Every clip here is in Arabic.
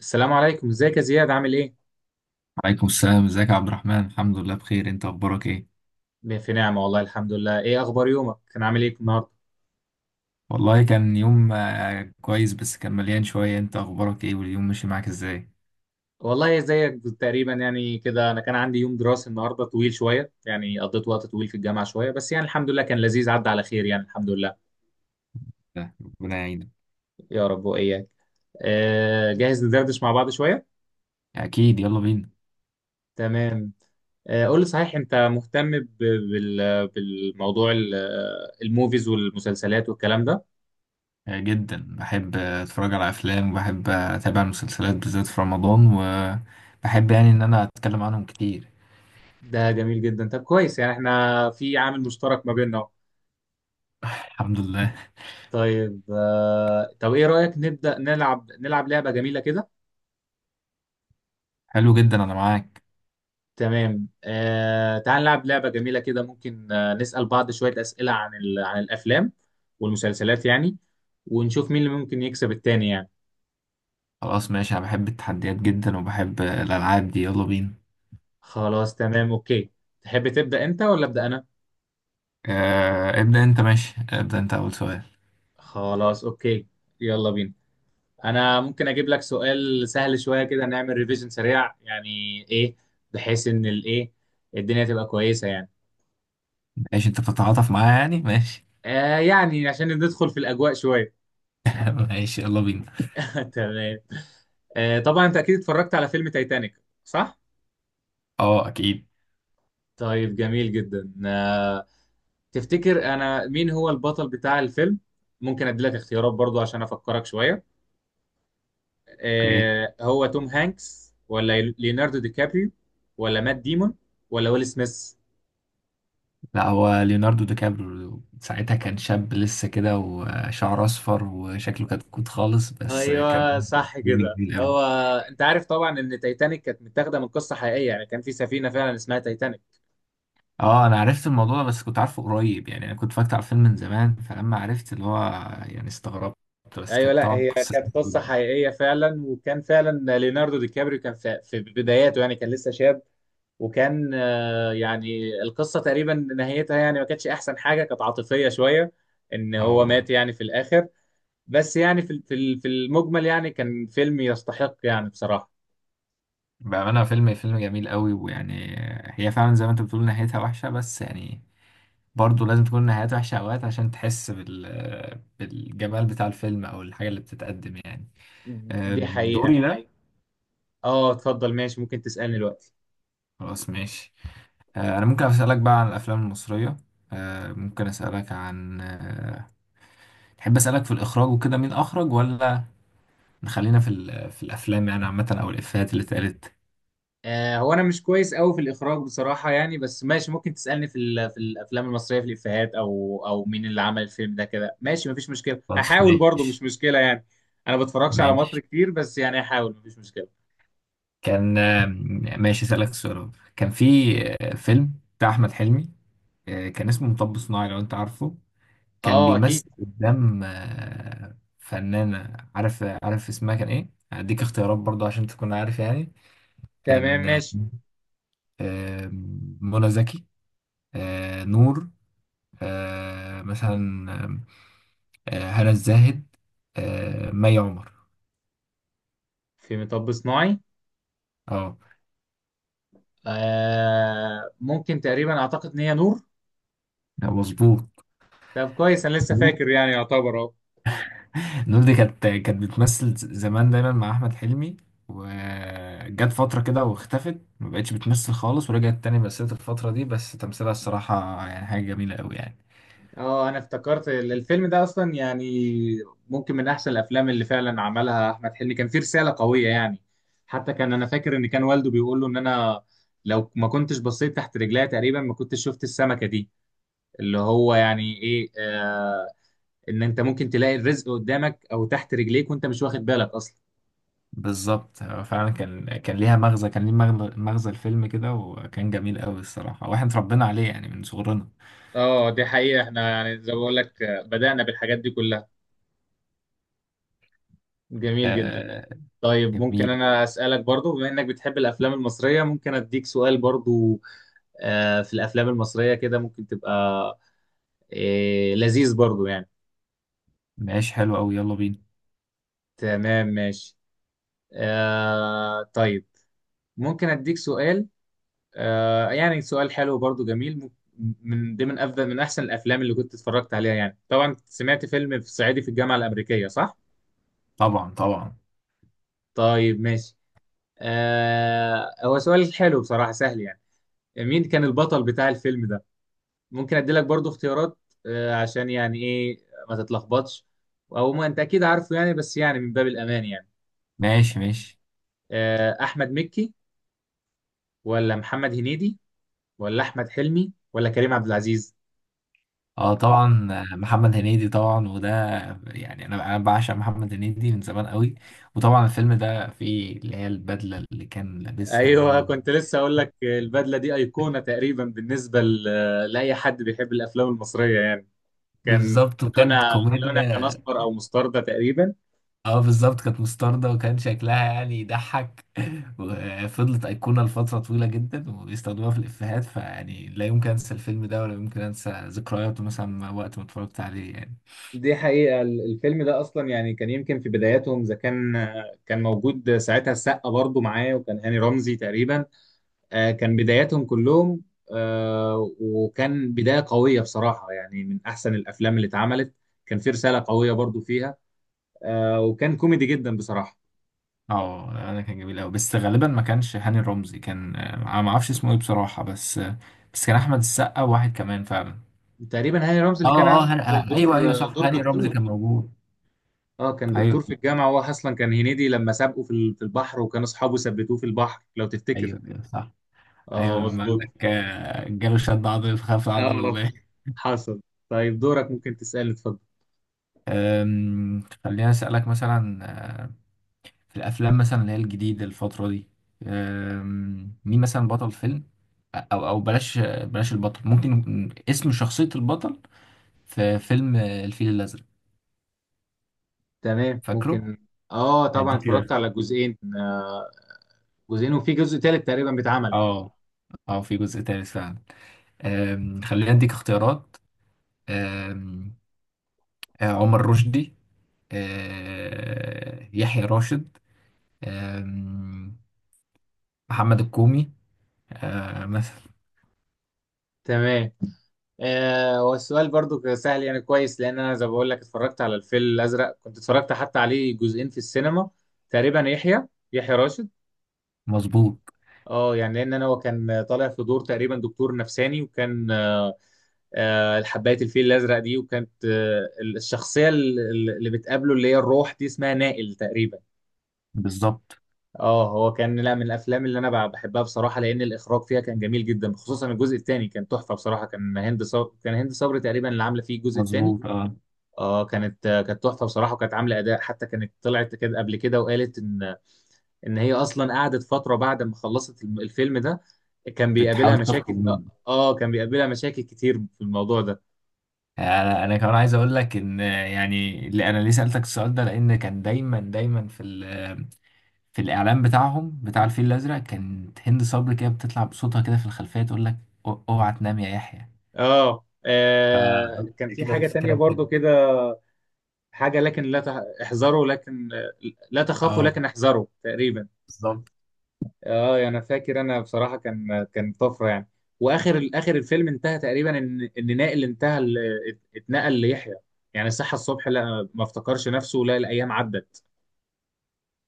السلام عليكم، ازيك يا زياد؟ عامل ايه؟ عليكم السلام. ازيك يا عبد الرحمن؟ الحمد لله بخير. انت اخبارك ايه؟ في نعمة والله الحمد لله. ايه اخبار يومك؟ كان عامل ايه النهارده؟ والله كان يوم كويس بس كان مليان شوية. انت اخبارك ايه واليوم ماشي معاك ازاي؟ والله زيك تقريبا، يعني كده انا كان عندي يوم دراسي النهارده طويل شوية، يعني قضيت وقت طويل في الجامعة شوية، بس يعني الحمد لله كان لذيذ، عدى على خير يعني الحمد لله. ده، ربنا يعينك. يا رب واياك. جاهز ندردش مع بعض شوية. اكيد، يلا بينا. تمام. قول لي صحيح، انت مهتم بالموضوع الموفيز والمسلسلات والكلام ده؟ جدا بحب اتفرج على افلام، وبحب اتابع المسلسلات بالذات في رمضان، وبحب يعني ان انا اتكلم عنهم كتير. ده جميل جدا. طب كويس، يعني احنا في عامل مشترك ما بيننا. الحمد لله. طيب طب ايه رأيك نبدأ نلعب لعبة جميلة كده؟ حلو جدا، انا معاك. تمام. تعال نلعب لعبة جميلة كده، ممكن نسأل بعض شوية أسئلة عن عن الأفلام والمسلسلات يعني، ونشوف مين اللي ممكن يكسب التاني يعني. خلاص ماشي، انا بحب التحديات جدا وبحب الالعاب دي. يلا بينا. خلاص تمام، أوكي. تحب تبدأ أنت ولا أبدأ أنا؟ ابدأ انت. ماشي، ابدأ انت اول سؤال. خلاص أوكي. يلا بينا. أنا ممكن أجيب لك سؤال سهل شوية كده، نعمل ريفيجن سريع يعني، إيه بحيث إن الدنيا تبقى كويسة يعني. ماشي، انت بتتعاطف معايا يعني. ماشي. يعني عشان ندخل في الأجواء شوية. ماشي، يلا بينا. تمام. طبعا انت اكيد اتفرجت على فيلم تايتانيك، صح؟ اه اكيد. طيب جميل جدا. تفتكر انا مين هو البطل بتاع الفيلم؟ ممكن ادي لك اختيارات برضو عشان افكرك شوية. اوكي. هو توم هانكس ولا ليوناردو دي كابريو ولا مات ديمون ولا ويل سميث؟ لا، هو ليوناردو دي كابريو. ساعتها كان شاب لسه كده وشعره اصفر وشكله كتكوت خالص، بس كان ايوه صح فيلم كده جميل قوي. هو. انت عارف طبعا ان تايتانيك كانت متاخده من قصه حقيقيه، يعني كان في سفينه فعلا اسمها تايتانيك. اه انا عرفت الموضوع ده، بس كنت عارفه قريب يعني. انا كنت فاكر على الفيلم من زمان فلما عرفت اللي هو يعني استغربت. بس ايوه، كانت لا طبعا هي قصة. كانت قصه حقيقيه فعلا، وكان فعلا ليوناردو دي كابريو كان في بداياته، يعني كان لسه شاب. وكان يعني القصه تقريبا نهايتها يعني ما كانتش احسن حاجه، كانت عاطفيه شويه ان هو اه. مات يعني في الاخر. بس يعني في المجمل يعني كان فيلم يستحق يعني بصراحه. بأمانة فيلم جميل قوي، ويعني هي فعلا زي ما انت بتقول نهايتها وحشة، بس يعني برضه لازم تكون النهايات وحشة أوقات عشان تحس بالجمال بتاع الفيلم أو الحاجة اللي بتتقدم يعني. دي حقيقه. دوري ده. اه اتفضل ماشي، ممكن تسالني دلوقتي. خلاص ماشي. أنا ممكن أسألك بقى عن الأفلام المصرية. أه، ممكن أسألك عن أه، تحب أسألك في الإخراج وكده مين أخرج، ولا نخلينا في الأفلام يعني عامة، أو الإفيهات اللي اتقالت. هو انا مش كويس قوي في الاخراج بصراحه يعني، بس ماشي ممكن تسالني في الافلام المصريه، في الافيهات، او مين اللي عمل الفيلم ده كده، ماشي مفيش مشكله، خلاص هحاول برضه مش ماشي مشكله يعني. انا ما بتفرجش على مصر ماشي. كتير بس يعني هحاول مفيش مشكله. كان ماشي، أسألك سؤال. كان في فيلم بتاع أحمد حلمي، كان اسمه مطب صناعي لو أنت عارفه. كان اه اكيد. بيمثل قدام فنانة. عارف اسمها كان ايه؟ هديك اختيارات برضه عشان تكون عارف يعني. تمام كان ماشي. آه، منى زكي، نور، مثلا هنا الزاهد، مي عمر. في مطب صناعي. اه آه، ممكن تقريبا اعتقد ان هي نور. مظبوط. طب كويس، انا لسه نور. فاكر يعني يعتبر اهو. نور دي كانت بتمثل زمان دايما مع احمد حلمي. وجت فترة كده واختفت، ما بقتش بتمثل خالص، ورجعت تاني مثلت الفترة دي. بس تمثيلها الصراحة يعني حاجة جميلة قوي يعني. اه، انا افتكرت الفيلم ده اصلا يعني ممكن من احسن الافلام اللي فعلا عملها احمد حلمي، كان فيه رساله قويه يعني. حتى كان انا فاكر ان كان والده بيقول له ان انا لو ما كنتش بصيت تحت رجليا تقريبا ما كنتش شفت السمكه دي، اللي هو يعني ايه. ان انت ممكن تلاقي الرزق قدامك او تحت رجليك وانت مش واخد بالك اصلا. بالظبط. هو فعلا كان ليها مغزى. كان ليه مغزى الفيلم كده، وكان جميل قوي الصراحة، واحنا اتربينا عليه يعني من صغرنا. اه دي حقيقه، احنا يعني زي ما بقول لك بدانا بالحاجات دي كلها. جميل جدا. آه. طيب ممكن جميل. انا اسالك برضو، بما انك بتحب الافلام المصريه ممكن اديك سؤال برضو في الافلام المصريه كده ممكن تبقى لذيذ برضو يعني. ماشي، حلو قوي، يلا بينا. تمام ماشي. طيب ممكن اديك سؤال. يعني سؤال حلو برضو جميل. من ضمن افضل من احسن الافلام اللي كنت اتفرجت عليها، يعني طبعا سمعت فيلم في صعيدي في الجامعه الامريكيه، صح؟ طبعا، طبعا. طيب ماشي. هو سؤال حلو بصراحه، سهل يعني. مين كان البطل بتاع الفيلم ده؟ ممكن اديلك برضو اختيارات. عشان يعني ايه ما تتلخبطش، او ما انت اكيد عارفه يعني، بس يعني من باب الامان يعني. ماشي، ماشي. احمد مكي، ولا محمد هنيدي، ولا احمد حلمي، ولا كريم عبد العزيز؟ اه طبعا. محمد هنيدي طبعا. وده يعني انا بعشق محمد هنيدي من زمان قوي. وطبعا الفيلم ده فيه اللي هي البدلة اللي كان لابسها ايوه وهو كنت لسه اقول لك البدله دي ايقونه تقريبا بالنسبه لاي حد بيحب الافلام المصريه يعني. كان بالظبط، وكانت لونها لونها كان كوميديا. اصفر او مستردة تقريبا. اه بالظبط، كانت مستردة وكان شكلها يعني يضحك. وفضلت أيقونة لفترة طويلة جدا، وبيستخدموها في الإفيهات. فيعني لا يمكن أنسى الفيلم ده ولا يمكن أنسى ذكرياته مثلا وقت ما اتفرجت عليه يعني. دي حقيقة. الفيلم ده أصلا يعني كان يمكن في بداياتهم، إذا كان موجود ساعتها السقا برضو معاه، وكان هاني رمزي تقريبا. كان بداياتهم كلهم. وكان بداية قوية بصراحة، يعني من أحسن الأفلام اللي اتعملت، كان في رسالة قوية برضو فيها. وكان كوميدي جدا بصراحة. اه، أنا كان جميل أوي، بس غالبا ما كانش هاني رمزي. كان أنا ما أعرفش اسمه إيه بصراحة، بس بس كان أحمد السقا وواحد كمان فعلا. تقريبا هاني رمزي اللي كان اه اه عامل هن... آه، دور ايوه، ايوه، صح. دور هاني رمزي دكتور. كان موجود. اه، كان دكتور ايوه. في الجامعة. هو أصلا كان هنيدي لما سابقه في البحر، وكان أصحابه ثبتوه في البحر لو تفتكر. ايوه، ايوه، صح. ايوه، اه لما قال مظبوط. لك جاله شد عضلي فخاف عضله اه يبان. حصل. طيب دورك، ممكن تسألني، اتفضل. خليني اسالك مثلا آه، في الافلام مثلا اللي هي الجديده الفتره دي. مين مثلا بطل فيلم، او بلاش البطل، ممكن اسم شخصيه البطل في فيلم الفيل الازرق؟ تمام فاكره؟ ممكن. اه طبعا هديك اتفرجت على جزئين وفي جزء تالت تقريبا بيتعمل. اه اه، في جزء تالت فعلا. خلينا اديك اختيارات. أم، عمر رشدي، يحيى راشد، أم، محمد الكومي، مثلا. تمام. آه والسؤال برضو كان سهل يعني كويس، لان انا زي ما بقول لك اتفرجت على الفيل الازرق، كنت اتفرجت حتى عليه جزئين في السينما. تقريبا يحيى راشد. مظبوط. اه يعني لان انا هو كان طالع في دور تقريبا دكتور نفساني، وكان حبايه الفيل الازرق دي، وكانت الشخصيه اللي بتقابله اللي هي الروح دي اسمها نائل تقريبا. بالظبط. اه هو كان لا، من الافلام اللي انا بحبها بصراحه، لان الاخراج فيها كان جميل جدا، خصوصا الجزء الثاني كان تحفه بصراحه. كان هند صبري تقريبا اللي عامله فيه الجزء الثاني. مظبوط اه. اه كانت كانت تحفه بصراحه، وكانت عامله اداء، حتى كانت طلعت كده قبل كده وقالت ان هي اصلا قعدت فتره بعد ما خلصت الفيلم ده، كان بيقابلها بتحاول تخرج مشاكل. منه. اه كان بيقابلها مشاكل كتير في الموضوع ده. يعني انا كمان عايز اقول لك ان يعني اللي انا ليه سالتك السؤال ده، لان كان دايما دايما في الاعلان بتاعهم بتاع الفيل الازرق. كانت هند صبري كده بتطلع بصوتها كده في الخلفيه تقول لك: اوعى تنام يا يحيى". اه كان في كده حاجه تانية الفكره برضو مهمة. كده، حاجه لكن لا تح- احذروا، لكن لا تخافوا اه لكن احذروا تقريبا. بالظبط. اه يعني انا فاكر. انا بصراحه كان طفره يعني. واخر اخر الفيلم انتهى تقريبا ان نائل انتهى اتنقل ليحيى، يعني صحى الصبح لا، ما افتكرش نفسه، لا، الايام عدت.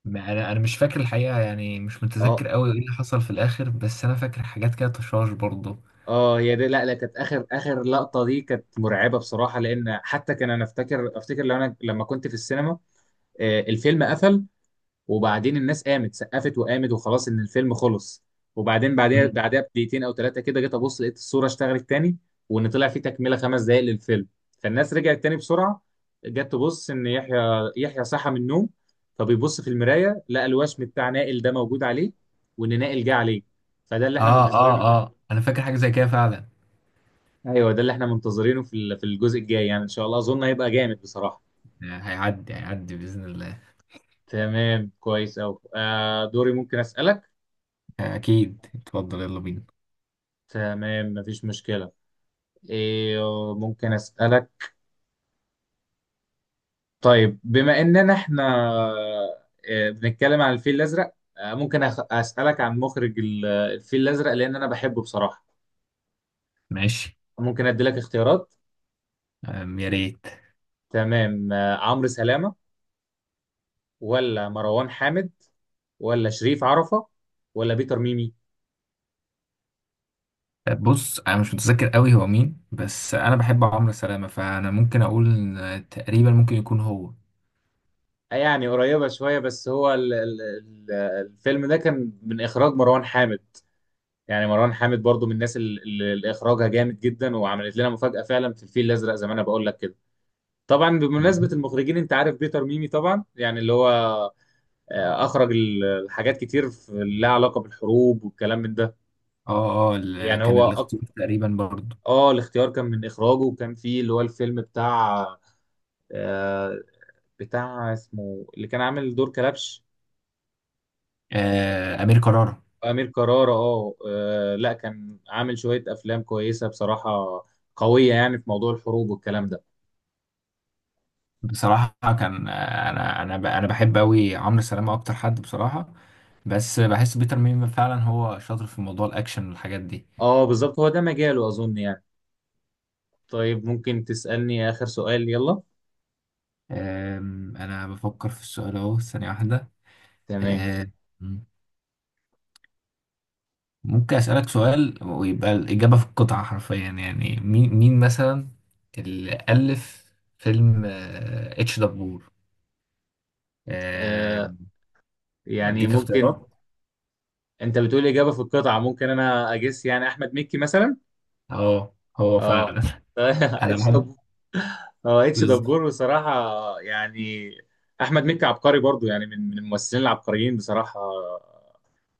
ما انا مش فاكر الحقيقه يعني، مش اه، متذكر قوي ايه اللي حصل في الاخر، بس انا فاكر حاجات كده تشاش برضه. اه، هي دي. لا، لا، كانت اخر اخر لقطه دي كانت مرعبه بصراحه، لان حتى كان انا افتكر لو انا لما كنت في السينما الفيلم قفل، وبعدين الناس قامت سقفت وقامت، وخلاص ان الفيلم خلص. وبعدين بعدها مم. بعدها بدقيقتين او 3 كده، جيت ابص لقيت الصوره اشتغلت تاني، وان طلع في تكمله 5 دقائق للفيلم. فالناس رجعت تاني بسرعه، جت تبص ان يحيى صحى من النوم، فبيبص في المرايه لقى الوشم بتاع نائل ده موجود عليه، وان نائل جه عليه. فده اللي احنا اه منتظرينه اه في ال- اه، انا فاكر حاجه زي كده فعلا. ايوه ده اللي احنا منتظرينه في الجزء الجاي يعني، ان شاء الله اظن هيبقى جامد بصراحه. هيعدي هيعدي باذن الله. تمام كويس أوي. دوري ممكن اسالك. اكيد اتفضل، يلا بينا. تمام مفيش مشكله. إيه ممكن أسألك؟ طيب بما إننا إحنا بنتكلم عن الفيل الأزرق، ممكن أسألك عن مخرج الفيل الأزرق، لأن أنا بحبه بصراحة. ماشي. ممكن أدي لك اختيارات. يا ريت. تمام. عمرو سلامة، ولا مروان حامد، ولا شريف عرفة، ولا بيتر ميمي؟ بص، انا مش متذكر قوي هو مين، بس انا بحب عمرو سلامه، فانا ممكن اقول إن تقريبا ممكن يكون هو. يعني قريبة شوية، بس هو ال- الفيلم ده كان من إخراج مروان حامد. يعني مروان حامد برضو من الناس اللي إخراجها جامد جدا، وعملت لنا مفاجأة فعلا في الفيل الأزرق زي ما أنا بقول لك كده. طبعا بمناسبة المخرجين، انت عارف بيتر ميمي طبعا يعني، اللي هو اخرج الحاجات كتير لها علاقة بالحروب والكلام من ده. اه اه، يعني كان هو الاختيار تقريبا برضو اه الاختيار كان من اخراجه، وكان فيه اللي هو الفيلم بتاع آه، بتاع اسمه، اللي كان عامل دور كلبش، امير كرارة امير كرارة. اه لا، كان عامل شوية افلام كويسة بصراحة، قوية يعني في موضوع الحروب والكلام ده. بصراحه. كان آه، انا بحب قوي عمرو سلامه اكتر حد بصراحه. بس بحس بيتر ميمي فعلا هو شاطر في موضوع الاكشن والحاجات دي. اه بالظبط، هو ده مجاله اظن يعني. طيب ممكن تسألني اخر سؤال، يلا. انا بفكر في السؤال اهو، ثانيه واحده. تمام آه ممكن أسألك سؤال ويبقى الإجابة في القطعة حرفيا. يعني مين مثلا اللي ألف فيلم اتش دبور؟ آه، يعني أديك ممكن، اختيارات. انت بتقول اجابه في القطعه ممكن انا اجس يعني، احمد مكي مثلا. اه هو اه فعلا. أنا اتش بحب دبور. اه اتش دبور بالظبط. بصراحه. يعني احمد مكي عبقري برضو يعني، من الممثلين العبقريين بصراحه،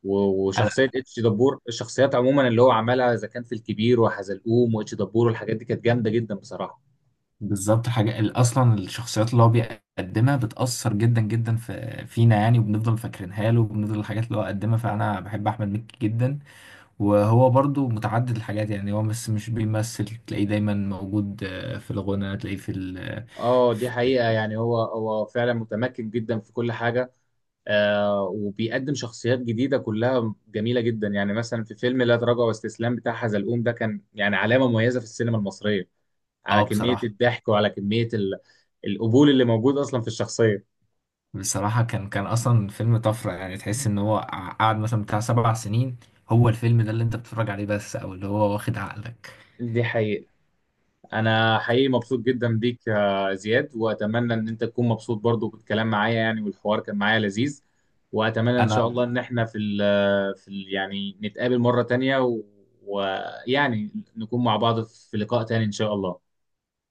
و- أنا وشخصيه اتش دبور، الشخصيات عموما اللي هو عملها اذا كان في الكبير وحزلقوم واتش دبور والحاجات دي كانت جامده جدا بصراحه. بالظبط، أصلا الشخصيات اللي هو بيقدمها بتأثر جدا جدا في فينا يعني، وبنفضل فاكرينها له، وبنفضل الحاجات اللي هو قدمها. فأنا بحب أحمد مكي جدا. وهو برضو متعدد الحاجات يعني. هو بس مش بيمثل، تلاقيه دايما موجود في الغنى، تلاقيه في ال اه اه دي حقيقه، يعني هو فعلا متمكن جدا في كل حاجه. آه وبيقدم شخصيات جديدة كلها جميلة جدا، يعني مثلا في فيلم لا تراجع واستسلام بتاع حزلقوم ده، كان يعني علامة مميزة في السينما المصرية على كمية بصراحة. الضحك وعلى كمية القبول اللي موجود أصلا في الشخصية. بصراحة كان أصلا فيلم طفرة يعني. تحس إن هو قعد مثلا بتاع 7 سنين هو الفيلم ده اللي أنت بتتفرج عليه بس، أو اللي هو واخد عقلك. دي حقيقة. أنا حقيقي مبسوط جدا بيك يا زياد، وأتمنى إن أنت تكون مبسوط برضو بالكلام معايا يعني، والحوار كان معايا لذيذ. وأتمنى إن شاء أنا الله إن إحنا في ال في ال يعني نتقابل مرة تانية ويعني نكون مع بعض في لقاء تاني إن شاء الله.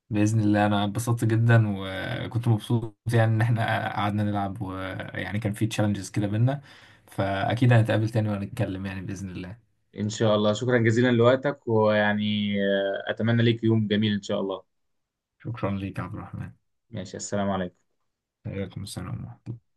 بإذن الله، أنا اتبسطت جدا وكنت مبسوط يعني إن إحنا قعدنا نلعب، ويعني كان في تشالنجز كده بينا. فأكيد هنتقابل تاني ونتكلم يعني بإذن الله. إن شاء الله شكرا جزيلا لوقتك، ويعني أتمنى ليك يوم جميل إن شاء الله. شكرا ليك يا عبد الرحمن. ماشي، السلام عليكم. عليكم السلام ورحمة الله.